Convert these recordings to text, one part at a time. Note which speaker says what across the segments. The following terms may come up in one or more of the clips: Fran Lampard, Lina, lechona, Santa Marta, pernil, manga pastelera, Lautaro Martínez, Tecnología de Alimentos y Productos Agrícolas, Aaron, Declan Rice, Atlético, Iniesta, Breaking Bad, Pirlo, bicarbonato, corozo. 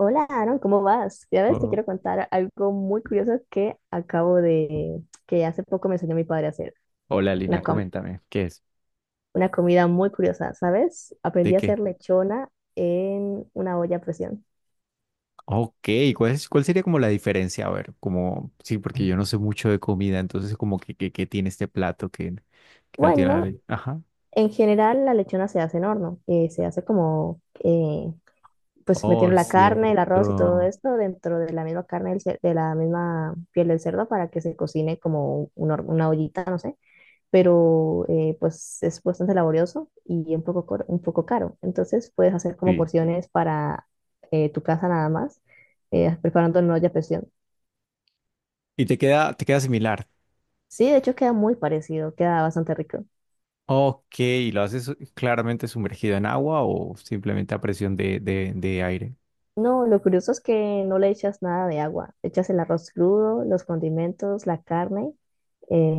Speaker 1: Hola Aaron, ¿cómo vas? Ya ves, te
Speaker 2: Oh,
Speaker 1: quiero contar algo muy curioso que acabo de, que hace poco me enseñó mi padre a hacer.
Speaker 2: hola Lina,
Speaker 1: Una, com-
Speaker 2: coméntame, ¿qué es?
Speaker 1: una comida muy curiosa, ¿sabes? Aprendí
Speaker 2: ¿De
Speaker 1: a
Speaker 2: qué?
Speaker 1: hacer lechona en una olla a presión.
Speaker 2: Ok, ¿cuál es, cuál sería como la diferencia? A ver, como, sí, porque yo no sé mucho de comida, entonces como que tiene este plato que no tiene la
Speaker 1: Bueno,
Speaker 2: ley. Ajá.
Speaker 1: en general la lechona se hace en horno, se hace pues
Speaker 2: Oh,
Speaker 1: metiendo la carne, el arroz y todo
Speaker 2: cierto.
Speaker 1: esto dentro de la misma carne, de la misma piel del cerdo para que se cocine como una ollita, no sé. Pero pues es bastante laborioso y un poco caro. Entonces puedes hacer como
Speaker 2: Sí.
Speaker 1: porciones para tu casa nada más, preparando en una olla a presión.
Speaker 2: ¿Y te queda similar?
Speaker 1: Sí, de hecho queda muy parecido, queda bastante rico.
Speaker 2: Ok, ¿y lo haces claramente sumergido en agua o simplemente a presión de aire?
Speaker 1: No, lo curioso es que no le echas nada de agua, echas el arroz crudo, los condimentos, la carne, eh,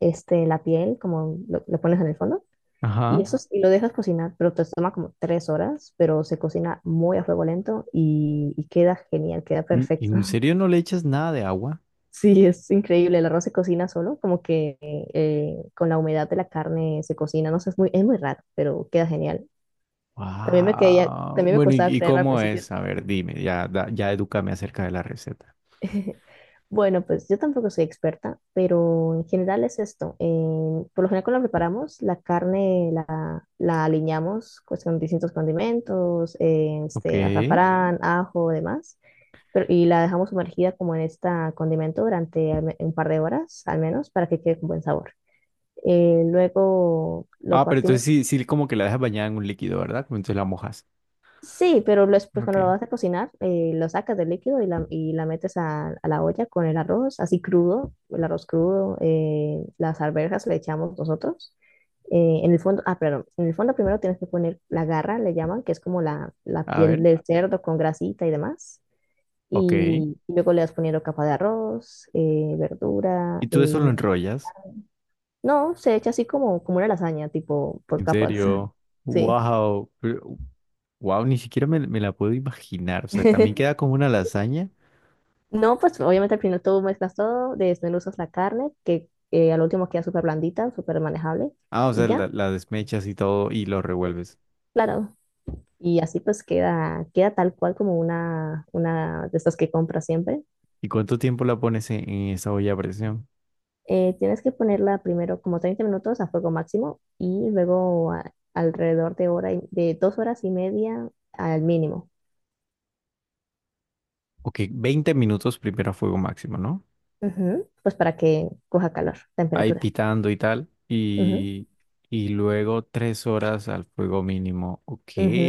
Speaker 1: este, la piel, lo pones en el fondo,
Speaker 2: Ajá.
Speaker 1: y lo dejas cocinar, pero te toma como tres horas, pero se cocina muy a fuego lento y queda genial, queda perfecto.
Speaker 2: En serio no le echas nada de agua?
Speaker 1: Sí, es increíble. El arroz se cocina solo, como que con la humedad de la carne se cocina. No sé, es muy raro, pero queda genial.
Speaker 2: Wow.
Speaker 1: También me
Speaker 2: Bueno,
Speaker 1: costaba
Speaker 2: y
Speaker 1: creer al
Speaker 2: cómo
Speaker 1: principio.
Speaker 2: es? A ver, dime, ya, ya edúcame acerca de la receta.
Speaker 1: Bueno, pues yo tampoco soy experta, pero en general es esto. Por lo general cuando la preparamos, la aliñamos pues, con distintos condimentos,
Speaker 2: Ok.
Speaker 1: este, azafrán, ajo, demás, pero, y la dejamos sumergida como en este condimento durante un par de horas al menos para que quede con buen sabor. Luego lo
Speaker 2: Ah, pero entonces
Speaker 1: partimos.
Speaker 2: sí, sí, como que la dejas bañada en un líquido, ¿verdad? Como entonces la mojas.
Speaker 1: Sí, pues cuando lo
Speaker 2: Ok.
Speaker 1: vas a cocinar, lo sacas del líquido y la metes a la olla con el arroz, así crudo, el arroz crudo, las arvejas le echamos nosotros. En el fondo, ah, perdón, en el fondo primero tienes que poner la garra, le llaman, que es como la
Speaker 2: A
Speaker 1: piel
Speaker 2: ver,
Speaker 1: del cerdo con grasita y demás.
Speaker 2: ok.
Speaker 1: Y luego le vas poniendo capa de arroz, verdura.
Speaker 2: ¿Y tú eso lo enrollas?
Speaker 1: No, se echa así como una lasaña, tipo por
Speaker 2: ¿En
Speaker 1: capas.
Speaker 2: serio?
Speaker 1: Sí.
Speaker 2: Wow. Wow, ni siquiera me la puedo imaginar. O sea, también queda como una lasaña.
Speaker 1: No, pues obviamente al final tú mezclas todo, desmenuzas la carne, que al último queda súper blandita, súper manejable,
Speaker 2: Ah, o
Speaker 1: y
Speaker 2: sea,
Speaker 1: ya,
Speaker 2: la desmechas y todo y lo
Speaker 1: eh,
Speaker 2: revuelves.
Speaker 1: claro. Y así pues queda, queda tal cual como una de estas que compras siempre.
Speaker 2: ¿Y cuánto tiempo la pones en esa olla a presión?
Speaker 1: Tienes que ponerla primero como 30 minutos a fuego máximo y luego alrededor de dos horas y media al mínimo.
Speaker 2: Ok, 20 minutos primero a fuego máximo, ¿no?
Speaker 1: Ujú, pues para que coja calor,
Speaker 2: Ahí
Speaker 1: temperatura.
Speaker 2: pitando y tal,
Speaker 1: Ujú,
Speaker 2: y luego 3 horas al fuego mínimo. Ok.
Speaker 1: ujú.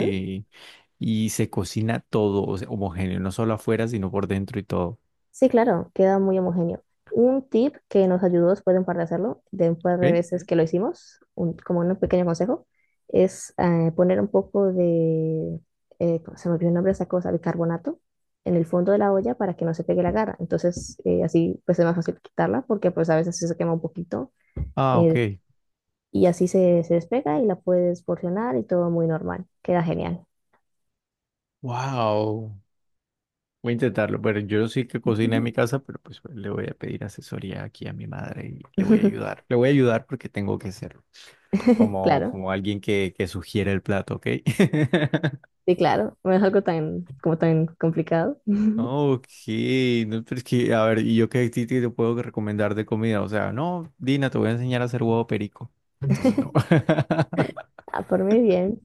Speaker 2: Y se cocina todo, o sea, homogéneo, no solo afuera, sino por dentro y todo.
Speaker 1: Sí, claro, queda muy homogéneo. Un tip que nos ayudó después de un par de hacerlo, de un par de
Speaker 2: ¿Ok?
Speaker 1: veces que lo hicimos, como un pequeño consejo, es poner un poco de, ¿cómo se me olvidó el nombre de esa cosa, bicarbonato, en el fondo de la olla para que no se pegue la garra. Entonces, así pues es más fácil quitarla porque pues a veces sí se quema un poquito
Speaker 2: Ah, ok.
Speaker 1: eh, y así se despega y la puedes porcionar y todo muy normal. Queda genial.
Speaker 2: Wow. Voy a intentarlo, pero yo sí que cocina en mi casa, pero pues le voy a pedir asesoría aquí a mi madre y le voy a ayudar. Le voy a ayudar porque tengo que hacerlo, como,
Speaker 1: Claro,
Speaker 2: como alguien que sugiere el plato, ¿ok?
Speaker 1: sí, claro. No es algo tan, como tan complicado.
Speaker 2: Ah, ok, no, pero es que, a ver, ¿y yo qué a ti te puedo recomendar de comida? O sea, no, Dina, te voy a enseñar a hacer huevo perico. Entonces, no.
Speaker 1: Ah, por mí bien.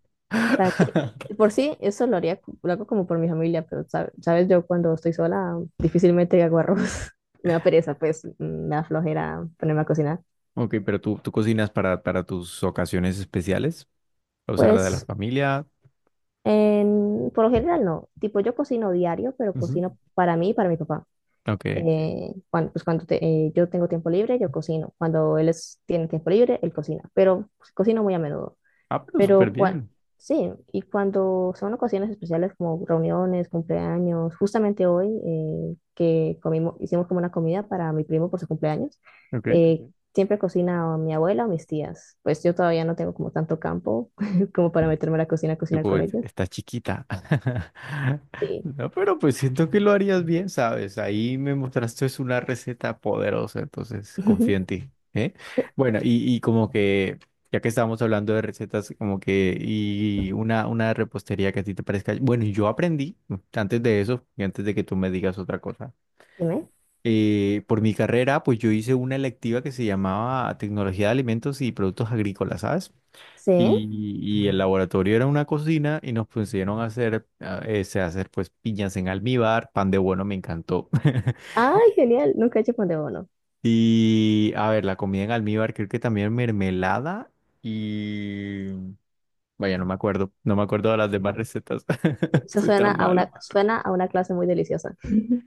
Speaker 1: También, por sí, eso lo haría, co- lo hago como por mi familia, pero sabes, yo cuando estoy sola difícilmente hago arroz. Me da pereza, pues, me da flojera ponerme a cocinar.
Speaker 2: Ok, pero tú cocinas para tus ocasiones especiales, o sea, la de la
Speaker 1: Pues,
Speaker 2: familia.
Speaker 1: en, por lo general no. Tipo, yo cocino diario, pero
Speaker 2: Ujú.
Speaker 1: cocino para mí y para mi papá.
Speaker 2: Ok.
Speaker 1: Cuando, yo tengo tiempo libre, yo cocino. Cuando tiene tiempo libre, él cocina. Pero pues, cocino muy a menudo.
Speaker 2: Ah, pero súper
Speaker 1: Pero cuan-
Speaker 2: bien.
Speaker 1: sí, y cuando son ocasiones especiales como reuniones, cumpleaños, justamente hoy que comimos, hicimos como una comida para mi primo por su cumpleaños,
Speaker 2: Ok.
Speaker 1: eh, siempre cocina o mi abuela o mis tías. Pues yo todavía no tengo como tanto campo como para meterme a la cocina a
Speaker 2: Tú
Speaker 1: cocinar
Speaker 2: como,
Speaker 1: con
Speaker 2: "Es-
Speaker 1: ellas.
Speaker 2: está chiquita".
Speaker 1: Sí.
Speaker 2: No, pero pues siento que lo harías bien, ¿sabes? Ahí me mostraste es una receta poderosa, entonces confío en ti, ¿eh? Bueno, y como que, ya que estábamos hablando de recetas, como que, y una repostería que a ti te parezca. Bueno, yo aprendí antes de eso, y antes de que tú me digas otra cosa.
Speaker 1: Dime.
Speaker 2: Eh, por mi carrera, pues yo hice una electiva que se llamaba Tecnología de Alimentos y Productos Agrícolas, ¿sabes?
Speaker 1: Sí.
Speaker 2: Y, y el laboratorio era una cocina y nos pusieron a hacer, a hacer pues piñas en almíbar, pan de bueno, me encantó.
Speaker 1: Ay, genial. Nunca he hecho pan de bono.
Speaker 2: Y a ver, la comida en almíbar, creo que también mermelada y... Vaya, no me acuerdo, no me acuerdo de las demás recetas,
Speaker 1: Eso
Speaker 2: soy
Speaker 1: suena
Speaker 2: tan
Speaker 1: a sí, una,
Speaker 2: malo.
Speaker 1: suena a una clase muy deliciosa.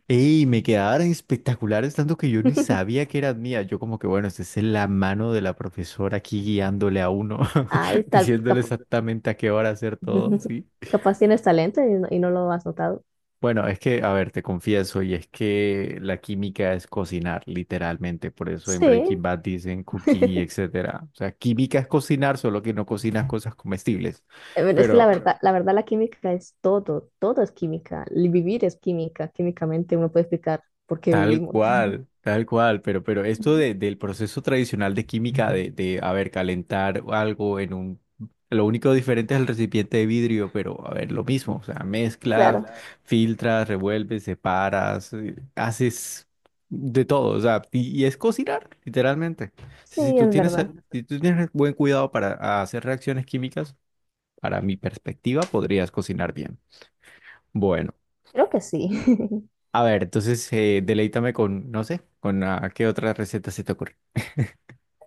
Speaker 2: Y me quedaron espectaculares, tanto que yo ni sabía que eran mías. Yo como que, bueno, esta es la mano de la profesora aquí guiándole a uno,
Speaker 1: Ay, tal,
Speaker 2: diciéndole exactamente a qué hora hacer todo, ¿sí?
Speaker 1: capaz tienes talento y no lo has notado.
Speaker 2: Bueno, es que, a ver, te confieso, y es que la química es cocinar, literalmente. Por eso en
Speaker 1: Sí,
Speaker 2: Breaking Bad dicen cooking y etcétera. O sea, química es cocinar, solo que no cocinas cosas comestibles.
Speaker 1: pero es que la
Speaker 2: Pero
Speaker 1: verdad, la verdad la química es todo, todo es química, el vivir es química, químicamente uno puede explicar por qué
Speaker 2: tal
Speaker 1: vivimos.
Speaker 2: cual, tal cual, pero esto
Speaker 1: Ujú.
Speaker 2: del proceso tradicional de química, de, a ver, calentar algo en un... Lo único diferente es el recipiente de vidrio, pero a ver, lo mismo, o sea,
Speaker 1: Sí,
Speaker 2: mezclas,
Speaker 1: claro,
Speaker 2: filtras, revuelves, separas, haces de todo, o sea, y es cocinar, literalmente. Si, si
Speaker 1: sí,
Speaker 2: tú
Speaker 1: es
Speaker 2: tienes,
Speaker 1: verdad,
Speaker 2: si tú tienes buen cuidado para hacer reacciones químicas, para mi perspectiva, podrías cocinar bien. Bueno.
Speaker 1: creo que sí.
Speaker 2: A ver, entonces deleítame con, no sé, con qué otra receta se te ocurre.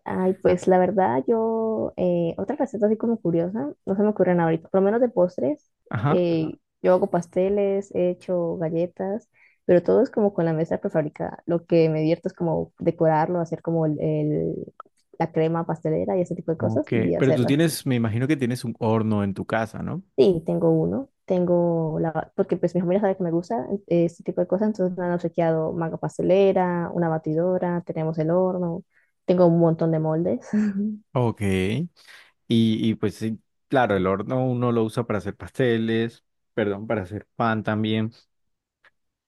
Speaker 1: Ay, pues la verdad, yo, otra receta así como curiosa, no se me ocurren ahorita, por lo menos de postres,
Speaker 2: Ajá.
Speaker 1: yo hago pasteles, he hecho galletas, pero todo es como con la mesa prefabricada. Lo que me divierto es como decorarlo, hacer como la crema pastelera y ese tipo de cosas
Speaker 2: Ok.
Speaker 1: y
Speaker 2: Pero tú
Speaker 1: hacerlas así.
Speaker 2: tienes, me imagino que tienes un horno en tu casa, ¿no?
Speaker 1: Sí, tengo uno, tengo la, porque pues mi familia sabe que me gusta este tipo de cosas, entonces me han obsequiado manga pastelera, una batidora, tenemos el horno, tengo un montón de moldes.
Speaker 2: Ok. Y pues sí, claro, el horno uno lo usa para hacer pasteles, perdón, para hacer pan también,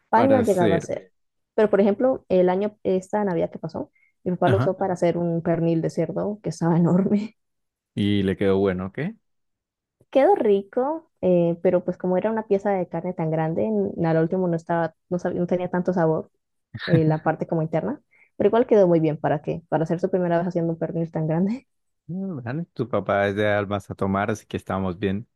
Speaker 1: Pan no
Speaker 2: para
Speaker 1: ha llegado a
Speaker 2: hacer...
Speaker 1: hacer. Pero, por ejemplo, el año, esta Navidad que pasó, mi papá lo
Speaker 2: Ajá.
Speaker 1: usó para hacer un pernil de cerdo que estaba enorme.
Speaker 2: Y le quedó bueno, ¿ok?
Speaker 1: Quedó rico, pero pues como era una pieza de carne tan grande, al último no estaba, no sabía, no tenía tanto sabor la parte como interna, pero igual quedó muy bien. ¿Para qué? Para hacer su primera vez haciendo un pernil tan grande.
Speaker 2: Mm, vale, tu papá es de almas a tomar, así que estamos bien.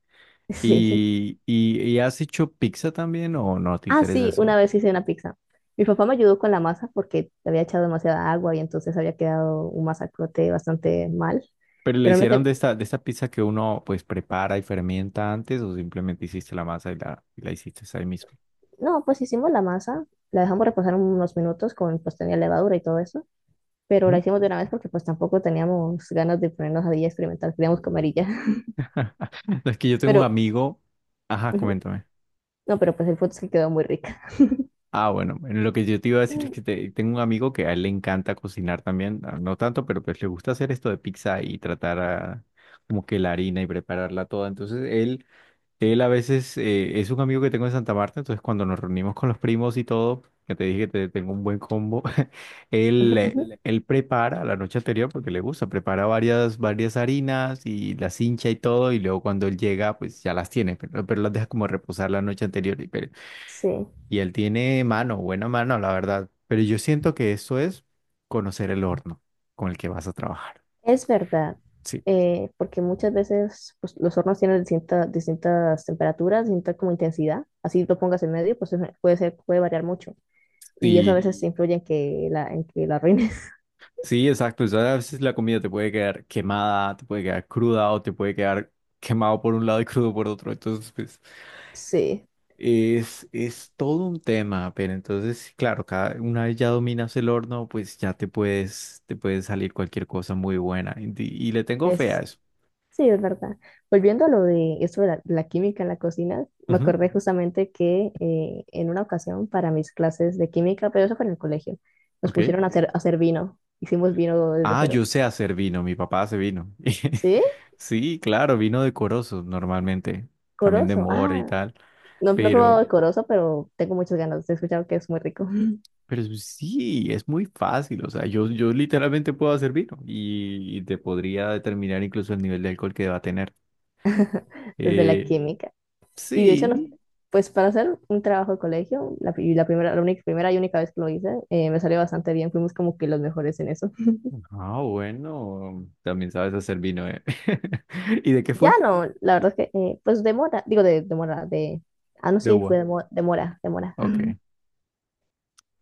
Speaker 1: Sí.
Speaker 2: Y has hecho pizza también o no te
Speaker 1: Ah,
Speaker 2: interesa
Speaker 1: sí, una
Speaker 2: eso?
Speaker 1: vez hice una pizza. Mi papá me ayudó con la masa porque le había echado demasiada agua y entonces había quedado un masacote bastante mal.
Speaker 2: Pero la
Speaker 1: Pero él me,
Speaker 2: hicieron
Speaker 1: te-
Speaker 2: de esta pizza que uno pues prepara y fermenta antes o simplemente hiciste la masa y y la hiciste ahí mismo.
Speaker 1: No, pues hicimos la masa, la dejamos reposar unos minutos con, pues tenía levadura y todo eso, pero la
Speaker 2: Ujú.
Speaker 1: hicimos de una vez porque pues tampoco teníamos ganas de ponernos ahí a día experimental, queríamos comer y ya.
Speaker 2: Es que yo tengo
Speaker 1: Pero,
Speaker 2: un amigo. Ajá,
Speaker 1: ujú,
Speaker 2: coméntame.
Speaker 1: no, pero pues el punto es que quedó muy rica.
Speaker 2: Ah, bueno, bueno, lo que yo te iba a decir es que tengo un amigo que a él le encanta cocinar también, ah, no tanto, pero pues le gusta hacer esto de pizza y tratar como que la harina y prepararla toda. Entonces él él a veces es un amigo que tengo en Santa Marta, entonces cuando nos reunimos con los primos y todo, que te dije que tengo un buen combo, él, él prepara la noche anterior porque le gusta, prepara varias harinas y las hincha y todo, y luego cuando él llega, pues ya las tiene, pero las deja como reposar la noche anterior. Y,
Speaker 1: Sí,
Speaker 2: y él tiene mano, buena mano, la verdad. Pero yo siento que eso es conocer el horno con el que vas a trabajar.
Speaker 1: es verdad,
Speaker 2: Sí.
Speaker 1: porque muchas veces pues, los hornos tienen distintas temperaturas, distinta como intensidad, así lo pongas en medio, puede ser, puede variar mucho, y eso a
Speaker 2: Sí,
Speaker 1: veces influye en que la arruines.
Speaker 2: sí, exacto. O sea, a veces la comida te puede quedar quemada, te puede quedar cruda o te puede quedar quemado por un lado y crudo por otro. Entonces, pues,
Speaker 1: Sí,
Speaker 2: es todo un tema, pero entonces, sí, claro, cada, una vez ya dominas el horno, pues ya te puedes, te puede salir cualquier cosa muy buena. Y le tengo fe a
Speaker 1: es...
Speaker 2: eso.
Speaker 1: Sí, es verdad. Volviendo a lo de eso de la química en la cocina, me
Speaker 2: Ujú,
Speaker 1: acordé justamente que en una ocasión para mis clases de química, pero eso fue en el colegio, nos
Speaker 2: ok.
Speaker 1: pusieron a hacer vino. Hicimos vino desde
Speaker 2: Ah,
Speaker 1: cero.
Speaker 2: yo sé hacer vino, mi papá hace vino.
Speaker 1: ¿Sí?
Speaker 2: Sí, claro, vino decoroso normalmente, también de
Speaker 1: Corozo.
Speaker 2: mora y
Speaker 1: Ah,
Speaker 2: tal,
Speaker 1: no, no he probado
Speaker 2: pero...
Speaker 1: el sí, corozo, pero tengo muchas ganas. He escuchado que es muy rico
Speaker 2: Pero sí, es muy fácil. O sea, yo literalmente puedo hacer vino y te podría determinar incluso el nivel de alcohol que va a tener.
Speaker 1: desde la sí,
Speaker 2: Eh,
Speaker 1: química.
Speaker 2: sí.
Speaker 1: Sí. Pues para hacer un trabajo de colegio, la primera, la única, primera y única vez que lo hice, me salió bastante bien. Fuimos como que los mejores en eso.
Speaker 2: Ah, bueno. También sabes hacer vino, ¿eh? ¿Y de qué
Speaker 1: Ya
Speaker 2: fue?
Speaker 1: no, la verdad es que, pues demora, digo de demora, de, ah, no,
Speaker 2: De
Speaker 1: sí,
Speaker 2: uva.
Speaker 1: demora, demora,
Speaker 2: Ok.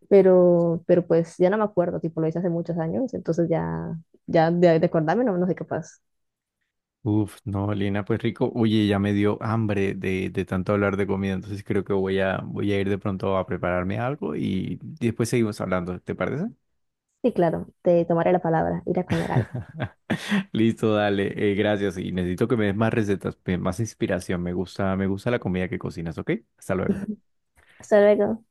Speaker 1: pero pues ya no me acuerdo, tipo lo hice hace muchos años, entonces ya, ya de acordarme no, no soy capaz.
Speaker 2: Uf, no, Lina, pues rico. Oye, ya me dio hambre de tanto hablar de comida, entonces creo que voy a, voy a ir de pronto a prepararme algo y después seguimos hablando, ¿te parece?
Speaker 1: Sí, claro, te tomaré la palabra, ir a comer algo.
Speaker 2: Listo, dale, gracias. Y necesito que me des más recetas, más inspiración. Me gusta la comida que cocinas, ¿ok? Hasta luego.
Speaker 1: Hasta luego.